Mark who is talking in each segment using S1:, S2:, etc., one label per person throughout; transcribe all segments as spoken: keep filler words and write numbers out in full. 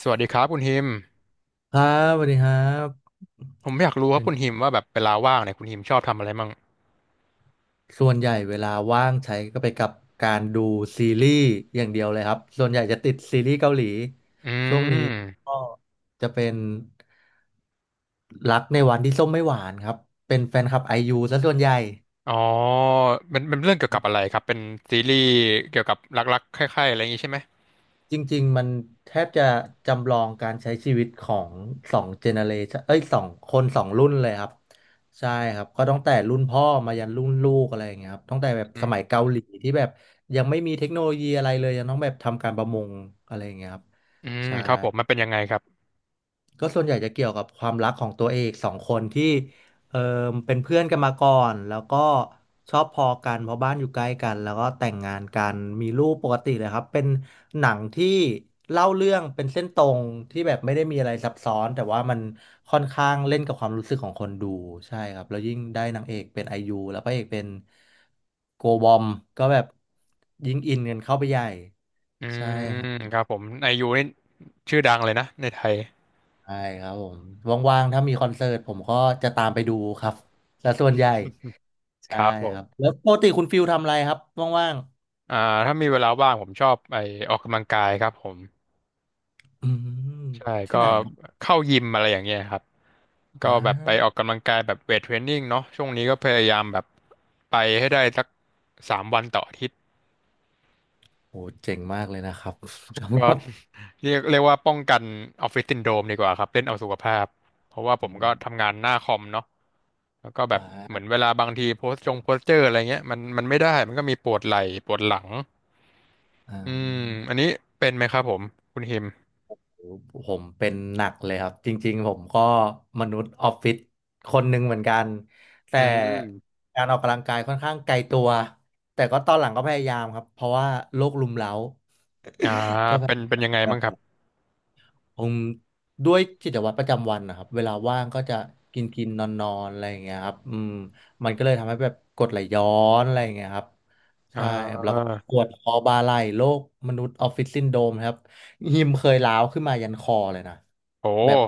S1: สวัสดีครับคุณฮิม
S2: ครับสวัสดีครับ
S1: ผมอยากรู้ครั
S2: เป็
S1: บ
S2: น
S1: คุณฮิมว่าแบบเวลาว่างเนี่ยคุณฮิมชอบทำอะไรมั่ง
S2: ส่วนใหญ่เวลาว่างใช้ก็ไปกับการดูซีรีส์อย่างเดียวเลยครับส่วนใหญ่จะติดซีรีส์เกาหลี
S1: อื
S2: ช่วงนี้
S1: ม
S2: ก็จะเป็นรักในวันที่ส้มไม่หวานครับเป็นแฟนคลับไอยูซะส่วนใหญ่
S1: อ๋อมันมันเรื่องเกี่ยวกับอะไรครับ เป็นซีรีส์เกี่ยวกับรักๆคล้ายๆอะไรอย่างนี้ใช่ไหม
S2: จริงๆ มันแทบจะจำลองการใช้ชีวิตของสองเจเนเรชันเอ้ยสองคนสองรุ่นเลยครับใช่ครับก็ตั้งแต่รุ่นพ่อมายันรุ่นลูกอะไรอย่างเงี้ยครับตั้งแต่แบบ
S1: อื
S2: สมัย
S1: ม
S2: เกาหลีที่แบบยังไม่มีเทคโนโลยีอะไรเลยยังต้องแบบทำการประมงอะไรอย่างเงี้ยครับ
S1: อืม
S2: ใช่
S1: ครับผมมันเป็นยังไงครับ
S2: ก็ส่วนใหญ่จะเกี่ยวกับความรักของตัวเอกสองคนที่เออเป็นเพื่อนกันมาก่อนแล้วก็ชอบพอกันเพราะบ้านอยู่ใกล้กันแล้วก็แต่งงานกันมีลูกปกติเลยครับเป็นหนังที่เล่าเรื่องเป็นเส้นตรงที่แบบไม่ได้มีอะไรซับซ้อนแต่ว่ามันค่อนข้างเล่นกับความรู้สึกของคนดูใช่ครับแล้วยิ่งได้นางเอกเป็นไอยูแล้วพระเอกเป็นโกบอมก็แบบยิ่งอินกันเข้าไปใหญ่
S1: อื
S2: ใช่ครั
S1: ม
S2: บ
S1: ครับผมไอยูนี่ชื่อดังเลยนะในไทย
S2: ใช่ครับผมว่างๆถ้ามีคอนเสิร์ตผมก็จะตามไปดูครับและส่วนใหญ่
S1: ค
S2: ใช่
S1: รับผ
S2: ครับ
S1: ม
S2: แล้วปกติคุณฟิลทำอะไรครับว่าง
S1: อ่าถ้ามีเวลาว่างผมชอบไปออกกำลังกายครับผม
S2: ๆอืม
S1: ใช่
S2: ที่
S1: ก็
S2: ไหนครับ
S1: เข้ายิมอะไรอย่างเงี้ยครับก็
S2: อ้า
S1: แบบไปออกกำลังกายแบบเวทเทรนนิ่งเนาะช่วงนี้ก็พยายามแบบไปให้ได้สักสามวันต่ออาทิตย์
S2: โอ้เจ๋งมากเลยนะครับ จำ
S1: ก็
S2: แบบ
S1: เรียกเรียกว่าป้องกันออฟฟิศซินโดรมดีกว่าครับเล่นเอาสุขภาพเพราะว่าผ
S2: อื
S1: ม
S2: ม
S1: ก็ทำงานหน้าคอมเนาะแล้วก็แบ
S2: อ่
S1: บเหมือน
S2: า
S1: เวลาบางทีโพสต์จงโพสเจอร์อะไรเงี้ยมันมันไม่ได้มันก็มีปวดไหล่ปวดหลัง
S2: อ่
S1: อืม
S2: า
S1: อันนี้เป็นไหมครับผมคุณฮิม
S2: โหผมเป็นหนักเลยครับจริงๆผมก็มนุษย์ออฟฟิศคนหนึ่งเหมือนกันแต่
S1: อืม
S2: การออกกำลังกายค่อนข้างไกลตัวแต่ก็ตอนหลังก็พยายามครับเพราะว่าโรครุมเร้า
S1: อ่า
S2: ก็พ
S1: เป็น
S2: ยาย
S1: เป็นยังไง
S2: า
S1: บ้างครับ
S2: ม อืมด้วยกิจวัตรประจำวันนะครับเวลาว่างก็จะกินกินนอนนอนๆอะไรอย่างเงี้ยครับอืมมันก็เลยทำให้แบบกรดไหลย้อนอะไรอย่างเงี้ยครับ
S1: อ่
S2: ใช่ครับแล้วก็
S1: า
S2: ปวดคอบ่าไหล่โรคมนุษย์ออฟฟิศซินโดรมครับหิมเคยร้าวขึ้นมายันคอเลยนะ
S1: โห
S2: แบบ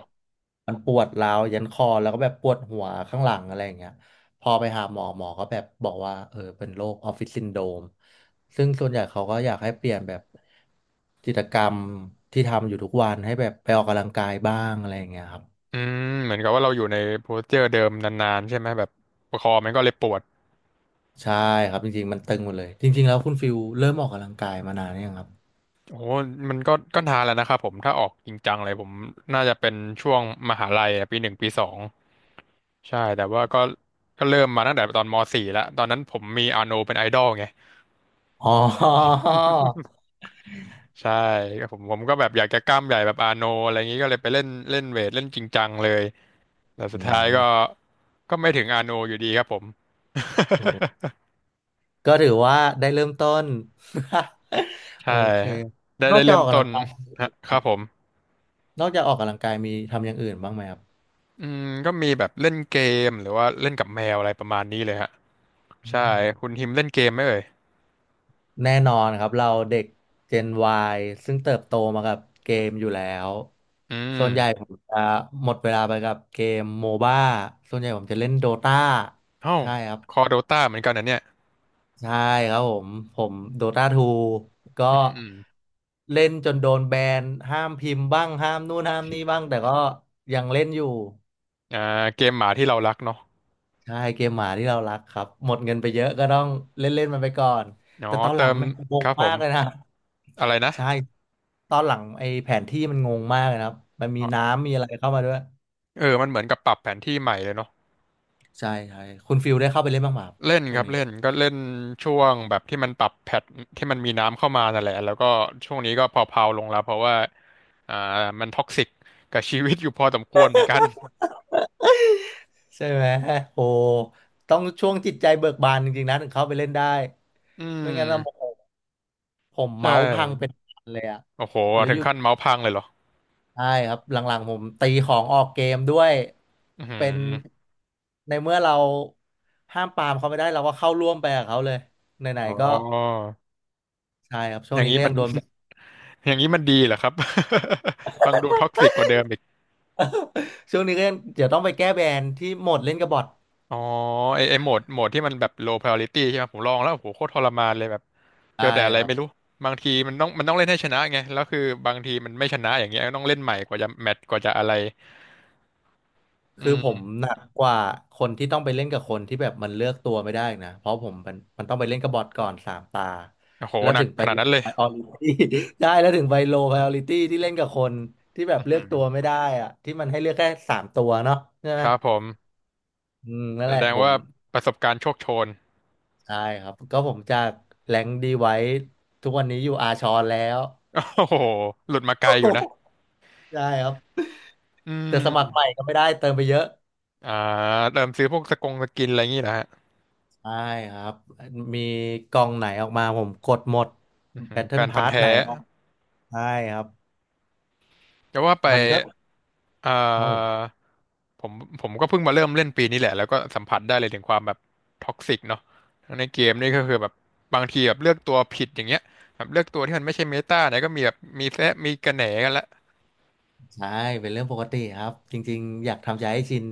S2: มันปวดร้าวยันคอแล้วก็แบบปวดหัวข้างหลังอะไรอย่างเงี้ย พอไปหาหมอหมอก็แบบบอกว่าเออเป็นโรคออฟฟิศซินโดรมซึ่งส่วนใหญ่เขาก็อยากให้เปลี่ยนแบบกิจกรรมที่ทำอยู่ทุกวันให้แบบไปออกกำลังกายบ้างอะไรอย่างเงี้ยครับ
S1: อืมเหมือนกับว่าเราอยู่ในโพสเจอร์เดิมนานๆใช่ไหมแบบคอมันก็เลยปวด
S2: ใช่ครับจริงๆมันตึงหมดเลยจริงๆแล้วคุณฟิลเริ่มออกกำลังกายมานานหรือยังครับ
S1: โอ้โหมันก็ก็นานแล้วนะครับผมถ้าออกจริงจังเลยผมน่าจะเป็นช่วงมหาลัยอะปีหนึ่งปีสองใช่แต่ว่าก็ก็เริ่มมาตั้งแต่ตอนมสี่แล้วตอนนั้นผมมีอาโนเป็นไอดอลไง
S2: อ๋อ
S1: ใช่ก็ผมผมก็แบบอยากจะกล้ามใหญ่แบบอาโนอะไรอย่างนี้ก็เลยไปเล่นเล่นเวทเล่นจริงจังเลยแต่
S2: อื
S1: สุดท้ายก็
S2: ม
S1: ก็ไม่ถึงอาโนอยู่ดีครับผม
S2: อม ก็ถือว่าได้เริ่มต้น โอ
S1: ใช่
S2: เค
S1: ได้
S2: นอ
S1: ได้
S2: กจาก
S1: เริ่
S2: อ
S1: ม
S2: อกกำ
S1: ต้
S2: ลั
S1: น
S2: งกาย
S1: ฮะ
S2: ค
S1: ค
S2: รั
S1: รับผ
S2: บ
S1: ม
S2: นอกจากออกกำลังกายมีทำอย่างอื่นบ้างไหมครับ
S1: อืมก็มีแบบเล่นเกมหรือว่าเล่นกับแมวอะไรประมาณนี้เลยฮะใช่คุณฮิมเล่นเกมไหมเอ่ย
S2: แน่นอนครับเราเด็ก Gen Y ซึ่งเติบโตมากับเกมอยู่แล้ว
S1: อื
S2: ส่วนใหญ่ผ
S1: ม
S2: มจะหมดเวลาไปกับเกมโมบ้าส่วนใหญ่ผมจะเล่นโดตา
S1: เอ้า
S2: ใช่ครับ
S1: คอโดตาเหมือนกันนะเนี่ย
S2: ใช่ครับผมผมโดตาทูก็
S1: อืมอืม
S2: เล่นจนโดนแบนห้ามพิมพ์บ้างห้ามนู่นห้ามนี่บ้างแต่ก็ยังเล่นอยู่
S1: อ่าเกมหมาที่เรารักเนาะ
S2: ใช่เกมหมาที่เรารักครับหมดเงินไปเยอะก็ต้องเล่นเล่นมันไปก่อน
S1: อ๋
S2: แต่
S1: อ
S2: ตอนหลั
S1: เติ
S2: ง
S1: ม
S2: แม่งง
S1: ค
S2: ง
S1: รับผ
S2: มา
S1: ม
S2: กเลยนะ
S1: อะไรนะ
S2: ใช่ตอนหลังไอ้แผนที่มันงงมากเลยนะครับมันมี
S1: อ๋อ
S2: น้ำมีอะไรเข้ามาด้วย
S1: เออมันเหมือนกับปรับแผนที่ใหม่เลยเนาะ
S2: ใช่ใช่คุณฟิลได้เข้าไปเล่นบ้างไหมครับ
S1: เล่น
S2: ช่
S1: ค
S2: วง
S1: รับ
S2: นี้
S1: เล่นก็เล่นช่วงแบบที่มันปรับแพทที่มันมีน้ำเข้ามานั่นแหละแล้วก็ช่วงนี้ก็พอเพาๆลงแล้วเพราะว่าอ่ามันท็อกซิกกับชีวิตอยู่พอสมควรเหมือนกัน
S2: ใช่ไหมโอ้ต้องช่วงจิตใจเบิกบานจริงๆนะถึงเข้าไปเล่นได้
S1: อื
S2: ไม่งั้นนะโม
S1: ม
S2: โหผม
S1: ใช่
S2: เมาส์พังเป็นพันเลยอะ
S1: โอ้โห
S2: หรือ
S1: ถึ
S2: อ
S1: ง
S2: ยู่
S1: ขั้นเมาส์พังเลยเหรอ
S2: ใช่ครับหลังๆผมตีของออกเกมด้วย
S1: อือหื
S2: เป็น
S1: อ
S2: ในเมื่อเราห้ามปรามเขาไม่ได้เราก็เข้าร่วมไปกับเขาเลยไหน
S1: อ๋
S2: ๆก็
S1: อ
S2: ใช่ครับช่
S1: อ
S2: วง
S1: ย่าง
S2: นี้
S1: นี้
S2: ก็ยั
S1: มั
S2: ง
S1: น
S2: โดนแบน
S1: อย่างนี้มันดีเหรอครับ ฟังดูท็อกซิกกว่าเดิมอีก
S2: ช่วงนี้ก็ยังเดี๋ยวต้องไปแก้แบนที่โหมดเล่นกับบอท
S1: อ๋อไอไอโหมดโหมดที่มันแบบ low priority ใช่ไหมผมลองแล้วโอ้โหโคตรทรมานเลยแบบเจ
S2: ใช่
S1: อแต่อะไร
S2: ครั
S1: ไม่รู้
S2: บ
S1: บางทีมันต้องมันต้องเล่นให้ชนะไงแล้วคือบางทีมันไม่ชนะอย่างเงี้ยต้องเล่นใหม่กว่าจะแมตช์กว่าจะอะไรอื
S2: คือผ
S1: ม
S2: มหนักกว่าคนที่ต้องไปเล่นกับคนที่แบบมันเลือกตัวไม่ได้นะเพราะผมมันมันต้องไปเล่นกับบอทก่อนสามตา
S1: โอ้โห
S2: แล้ว
S1: หนั
S2: ถึ
S1: ก
S2: งไป
S1: ขนาดนั้นเลย
S2: ไพรออริตี้ ได้แล้วถึงไปโลไพรออริตี้ที่เล่นกับคนที่แบบ
S1: อือ
S2: เลื
S1: หื
S2: อก
S1: อ
S2: ตัวไม่ได้อะที่มันให้เลือกแค่สามตัวเนาะใช่
S1: ค
S2: ไหม
S1: รับผม
S2: อืมนั่น
S1: แส
S2: แหละ
S1: ดง
S2: ผม
S1: ว่าประสบการณ์โชคโชน
S2: ใช่ครับก็ผมจากแรงดีไว้ทุกวันนี้อยู่อาชอนแล้ว
S1: โอ้โหหลุดมาไกลอยู่ นะ
S2: ใช่ครับ
S1: อื
S2: แต่สมัครใหม่
S1: ม
S2: ก็ไม่ได้เติมไปเยอะ
S1: อ่าเริ่มซื้อพวกสกงสกินอะไรอย่างงี้นะฮะ
S2: ได้ครับมีกล่องไหนออกมาผมกดหมด
S1: อื้อหือแฟ
S2: Battle
S1: นพันธุ์
S2: Pass ไหน
S1: แท้
S2: ออกใช่ครับ
S1: แต่ว่าไป
S2: มันก็
S1: อ่
S2: ครับผ
S1: า
S2: ม
S1: ผมผมก็เพิ่งมาเริ่มเล่นปีนี้แหละแล้วก็สัมผัสได้เลยถึงความแบบท็อกซิกเนาะในเกมนี่ก็คือแบบบางทีแบบเลือกตัวผิดอย่างเงี้ยแบบเลือกตัวที่มันไม่ใช่เมตาเนี่ยก็มีแบบมีแซะมีกระแหนกันละ
S2: ใช่เป็นเรื่องปกติครับจริงๆอยากทำใจให้ชิน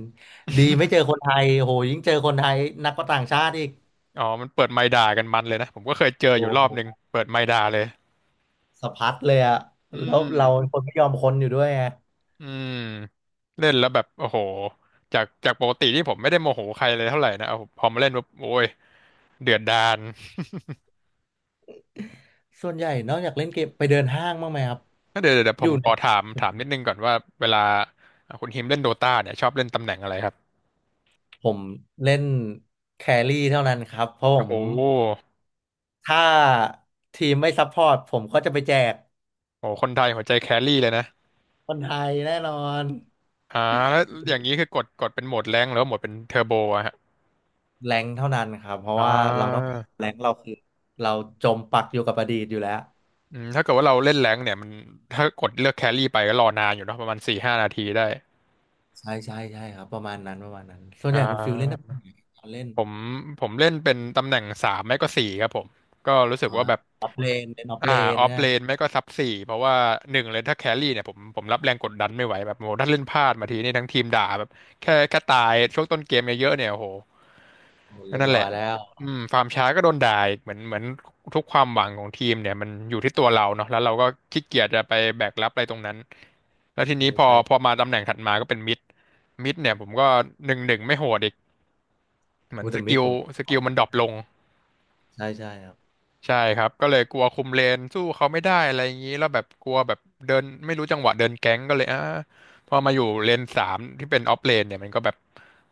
S2: ดีไม่เจอ คนไทยโหยิ่งเจอคนไทยหนักก็ต่างชาติอีก
S1: อ๋อมันเปิดไมค์ด่ากันมันเลยนะผมก็เคยเจอ
S2: โอ้
S1: อยู่รอบหนึ่ง
S2: โห
S1: เปิดไมค์ด่าเลย
S2: สะพัดเลยอะ
S1: อื
S2: แล้ว
S1: ม
S2: เราเป็นคนไม่ยอมคนอยู่ด้วยไง
S1: อืมเล่นแล้วแบบโอ้โหจากจากปกติที่ผมไม่ได้โมโหใครเลยเท่าไหร่นะเอาพอมาเล่นปุ๊บโอ้ยเดือดดาล
S2: ส่วนใหญ่นอกจากเล่นเกมไปเดินห้างบ้างไหมครับ
S1: ก็เดี๋ยวเดี๋ยวเดี๋ยว
S2: อ
S1: ผ
S2: ยู่
S1: ม
S2: ใน
S1: ขอถามถามนิดนึงก่อนว่าเวลาอ่ะคุณฮิมเล่นโดตาเนี่ยชอบเล่นตำแหน่งอะไรครับ
S2: ผมเล่นแครี่เท่านั้นครับเพราะผ
S1: โอ้โ
S2: ม
S1: ห
S2: ถ้าทีมไม่ซัพพอร์ตผมก็จะไปแจก
S1: โอ้โหคนไทยหัวใจแครี่เลยนะ
S2: คนไทยแน่นอน
S1: อ่าแล้วอย่างนี้คือกดกดเป็นโหมดแรงค์หรือว่าโหมดเป็นเทอร์โบอะฮะ
S2: แรงเท่านั้นครับเพราะ
S1: อ่
S2: ว่าเราต้อง
S1: า
S2: การแรงเราคือเราจมปักอยู่กับอดีตอยู่แล้ว
S1: อืมถ้าเกิดว่าเราเล่นแรงค์เนี่ยมันถ้ากดเลือกแครี่ไปก็รอนานอยู่เนาะประมาณสี่ห้านาทีได้
S2: ใช่ใช่ใช่ครับประมาณนั้นประมาณนั้นส่วน
S1: อ่
S2: ใหญ่คุณฟิลเล่นตำแห
S1: า
S2: น่งไหนตอนเล่น
S1: ผมผมเล่นเป็นตำแหน่งสามไม่ก็สี่ครับผมก็รู้สึก
S2: อ๋อ
S1: ว่าแบบ
S2: ออฟเลนเล่นออฟ
S1: อ่า
S2: เลน
S1: ออฟ
S2: เนี่ย
S1: เลนไม่ก็ซับสี่เพราะว่าหนึ่งเลยถ้าแครี่เนี่ยผมผมรับแรงกดดันไม่ไหวแบบโหถ้าเล่นพลาดมาทีนี่ทั้งทีมด่าแบบแค่แค่ตายช่วงต้นเกมเยอะๆเนี่ยโอ้โห
S2: โอ้เรียบ
S1: นั่นแห
S2: ร้อย
S1: ละ
S2: แล้ว
S1: อืมฟาร์มช้าก็โดนด่าอีกเหมือนเหมือนทุกความหวังของทีมเนี่ยมันอยู่ที่ตัวเราเนาะแล้วเราก็ขี้เกียจจะไปแบกรับอะไรตรงนั้นแล้วที
S2: ใช่
S1: นี้พอ
S2: ใช่
S1: พอมาตำแหน่งถัดมาก็เป็นมิดมิดเนี่ยผมก็หนึ่งหนึ่งไม่โหดอีกเหมือ
S2: โอ้
S1: น
S2: เด
S1: ส
S2: อะมิด
S1: กิล
S2: ผม
S1: สกิลมันดรอปลง
S2: ใช่ใช่ครับ
S1: ใช่ครับก็เลยกลัวคุมเลนสู้เขาไม่ได้อะไรอย่างนี้แล้วแบบกลัวแบบเดินไม่รู้จังหวะเดินแก๊งก็เลยอ่าพอมาอยู่เลนสามที่เป็นออฟเลนเนี่ยมันก็แบบ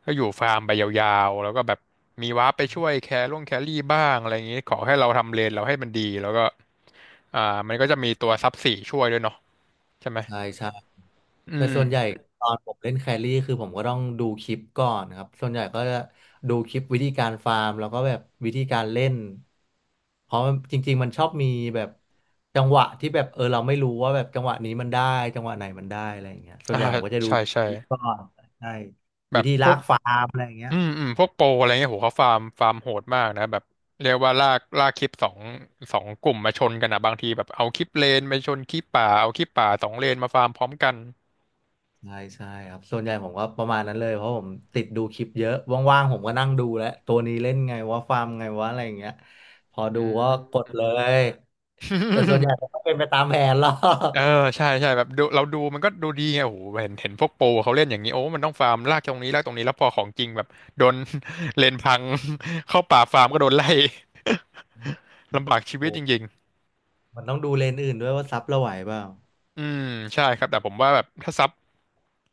S1: ก็อยู่ฟาร์มไปยาวๆแล้วก็แบบมีวาร์ปไปช่วยแคร่งแครี่บ้างอะไรอย่างนี้ขอให้เราทำเลนเราให้มันดีแล้วก็อ่ามันก็จะมีตัวซับสี่ช่วยด้วยเนาะใช่ไหม
S2: ใช่ใช่
S1: อื
S2: แต่
S1: ม
S2: ส่วนใหญ่ตอนผมเล่นแครี่คือผมก็ต้องดูคลิปก่อนครับส่วนใหญ่ก็จะดูคลิปวิธีการฟาร์มแล้วก็แบบวิธีการเล่นเพราะมันจริงๆมันชอบมีแบบจังหวะที่แบบเออเราไม่รู้ว่าแบบจังหวะนี้มันได้จังหวะไหนมันได้อะไรอย่างเงี้ยส่วน
S1: อ่า
S2: ใหญ่ผมก็จะดู
S1: ใช่ใช่
S2: คลิปก่อนใช่
S1: แบ
S2: วิ
S1: บ
S2: ธี
S1: พ
S2: ลา
S1: วก
S2: มอะไรอย่างเงี้ย
S1: อืมอืมพวกโปรอะไรเงี้ยโหเขาฟาร์มฟาร์มโหดมากนะแบบเรียกว่าลากลากคลิปสองสองกลุ่มมาชนกันอะบางทีแบบเอาคลิปเลนไปชนคลิปป่าเอาคลิปป่าสองเลนมาฟาร์มพร้อมกัน
S2: ใช่ใช่ครับส่วนใหญ่ผมก็ประมาณนั้นเลยเพราะผมติดดูคลิปเยอะว่างๆผมก็นั่งดูแล้วตัวนี้เล่นไงว่าฟาร์มไงว่าอะไรอย่างเงี้ยพอ
S1: อื
S2: ดูก็ก
S1: ม
S2: ดเลย แต่ส่วนใหญ่ มันก็เป็นไปตามแผนหรอก
S1: เออใช่ใช่แบบดูเราดูมันก็ดูดีไงโโหเห็นเห็นพวกโปรเขาเล่นอย่างนี้โอ้มันต้องฟาร์มลากตรงนี้ลากตรงนี้แล้วพอของจริงแบบโดน เลนพัง เข้าป่าฟาร์มก็โดนไล่ ลำบากชี
S2: โอ
S1: วิตจริ
S2: ้
S1: ง
S2: มันต้องดูเลนส์อื่นด้วยว่าซับเราไหวเปล่า
S1: อืมใช่ครับแต่ผมว่าแบบถ้าซับ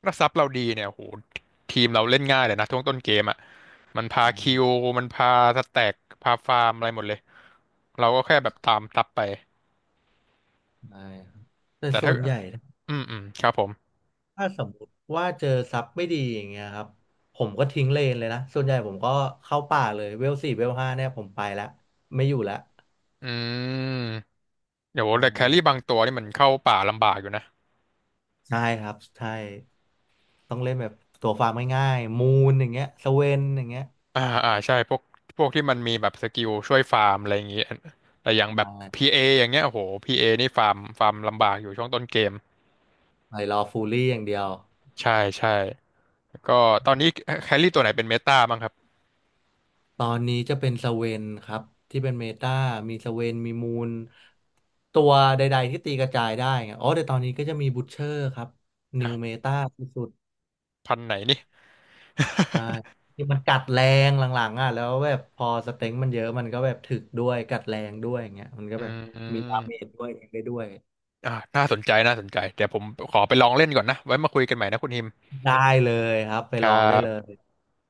S1: ถ้าซับเราดีเนี่ยโหทีมเราเล่นง่ายเลยนะช่วงต้นเกมอ่ะมันพา
S2: อื
S1: คิ
S2: ม
S1: วมันพาสแต็กพาฟาร์มอะไรหมดเลยเราก็แค่แบบตามซับไป
S2: ได้ครับแต่
S1: แต่
S2: ส่
S1: ถ้า
S2: วนใหญ่
S1: อืมอืมครับผม
S2: ถ้าสมมติว่าเจอซับไม่ดีอย่างเงี้ยครับผมก็ทิ้งเลนเลยนะ ส่วนใหญ่ผมก็เข้าป่าเลยเวลสี่เวลห้าเนี่ยผมไปแล้วไม่อยู่แล้ว
S1: อืมเดี๋ยวแต่แครี่บางตัวนี่มันเข้าป่าลำบากอยู่นะ
S2: ใช่ครับใช่ต้องเล่นแบบตัวฟาร์มง่ายๆมูนอย่างเงี้ยสเวนอย่างเงี้ย
S1: อ่าอ่าใช่พวกพวกที่มันมีแบบสกิลช่วยฟาร์มอะไรอย่างงี้แต่อย่างแบบพี
S2: ใช่
S1: เออย่างเงี้ยโอ้โหพีเอนี่ฟาร์มฟาร์มลำบากอยู่ช่วงต้นเกม
S2: ไปรอฟูลลี่อย่างเดียว
S1: ใช่ใช่ แล้วก็ตอนนี้แครี่ตัวไหนเป็นเมตาบ้างครับ
S2: ตอนนี้จะเป็นสเวนครับที่เป็นเมตามีสเวนมีมูลตัวใดๆที่ตีกระจายได้ไงอ๋อแต่ตอนนี้ก็จะมีบู ที เชอร์ครับนิว
S1: ฮะ
S2: เมตาสุด
S1: พันธุ์ไหนนี่
S2: ๆใช่ ที่มันกัดแรงหลังๆอ่ะแล้วแบบพอสเต็งมันเยอะมันก็แบบถึกด้วยกัดแรงด้วยอย่างเงี้ยมันก็
S1: อื
S2: แบบ
S1: ม อื
S2: มีดาเมจ
S1: ม
S2: ด้วยเองได้ด้วย
S1: อ่าน่าสนใจน่าสนใจเดี๋ยวผมขอไปลองเล่นก่อนนะไว้มาคุยกันใหม่นะคุณฮิม
S2: ได้เลยครับไป
S1: ค
S2: ล
S1: รั
S2: องได้เล
S1: บ
S2: ย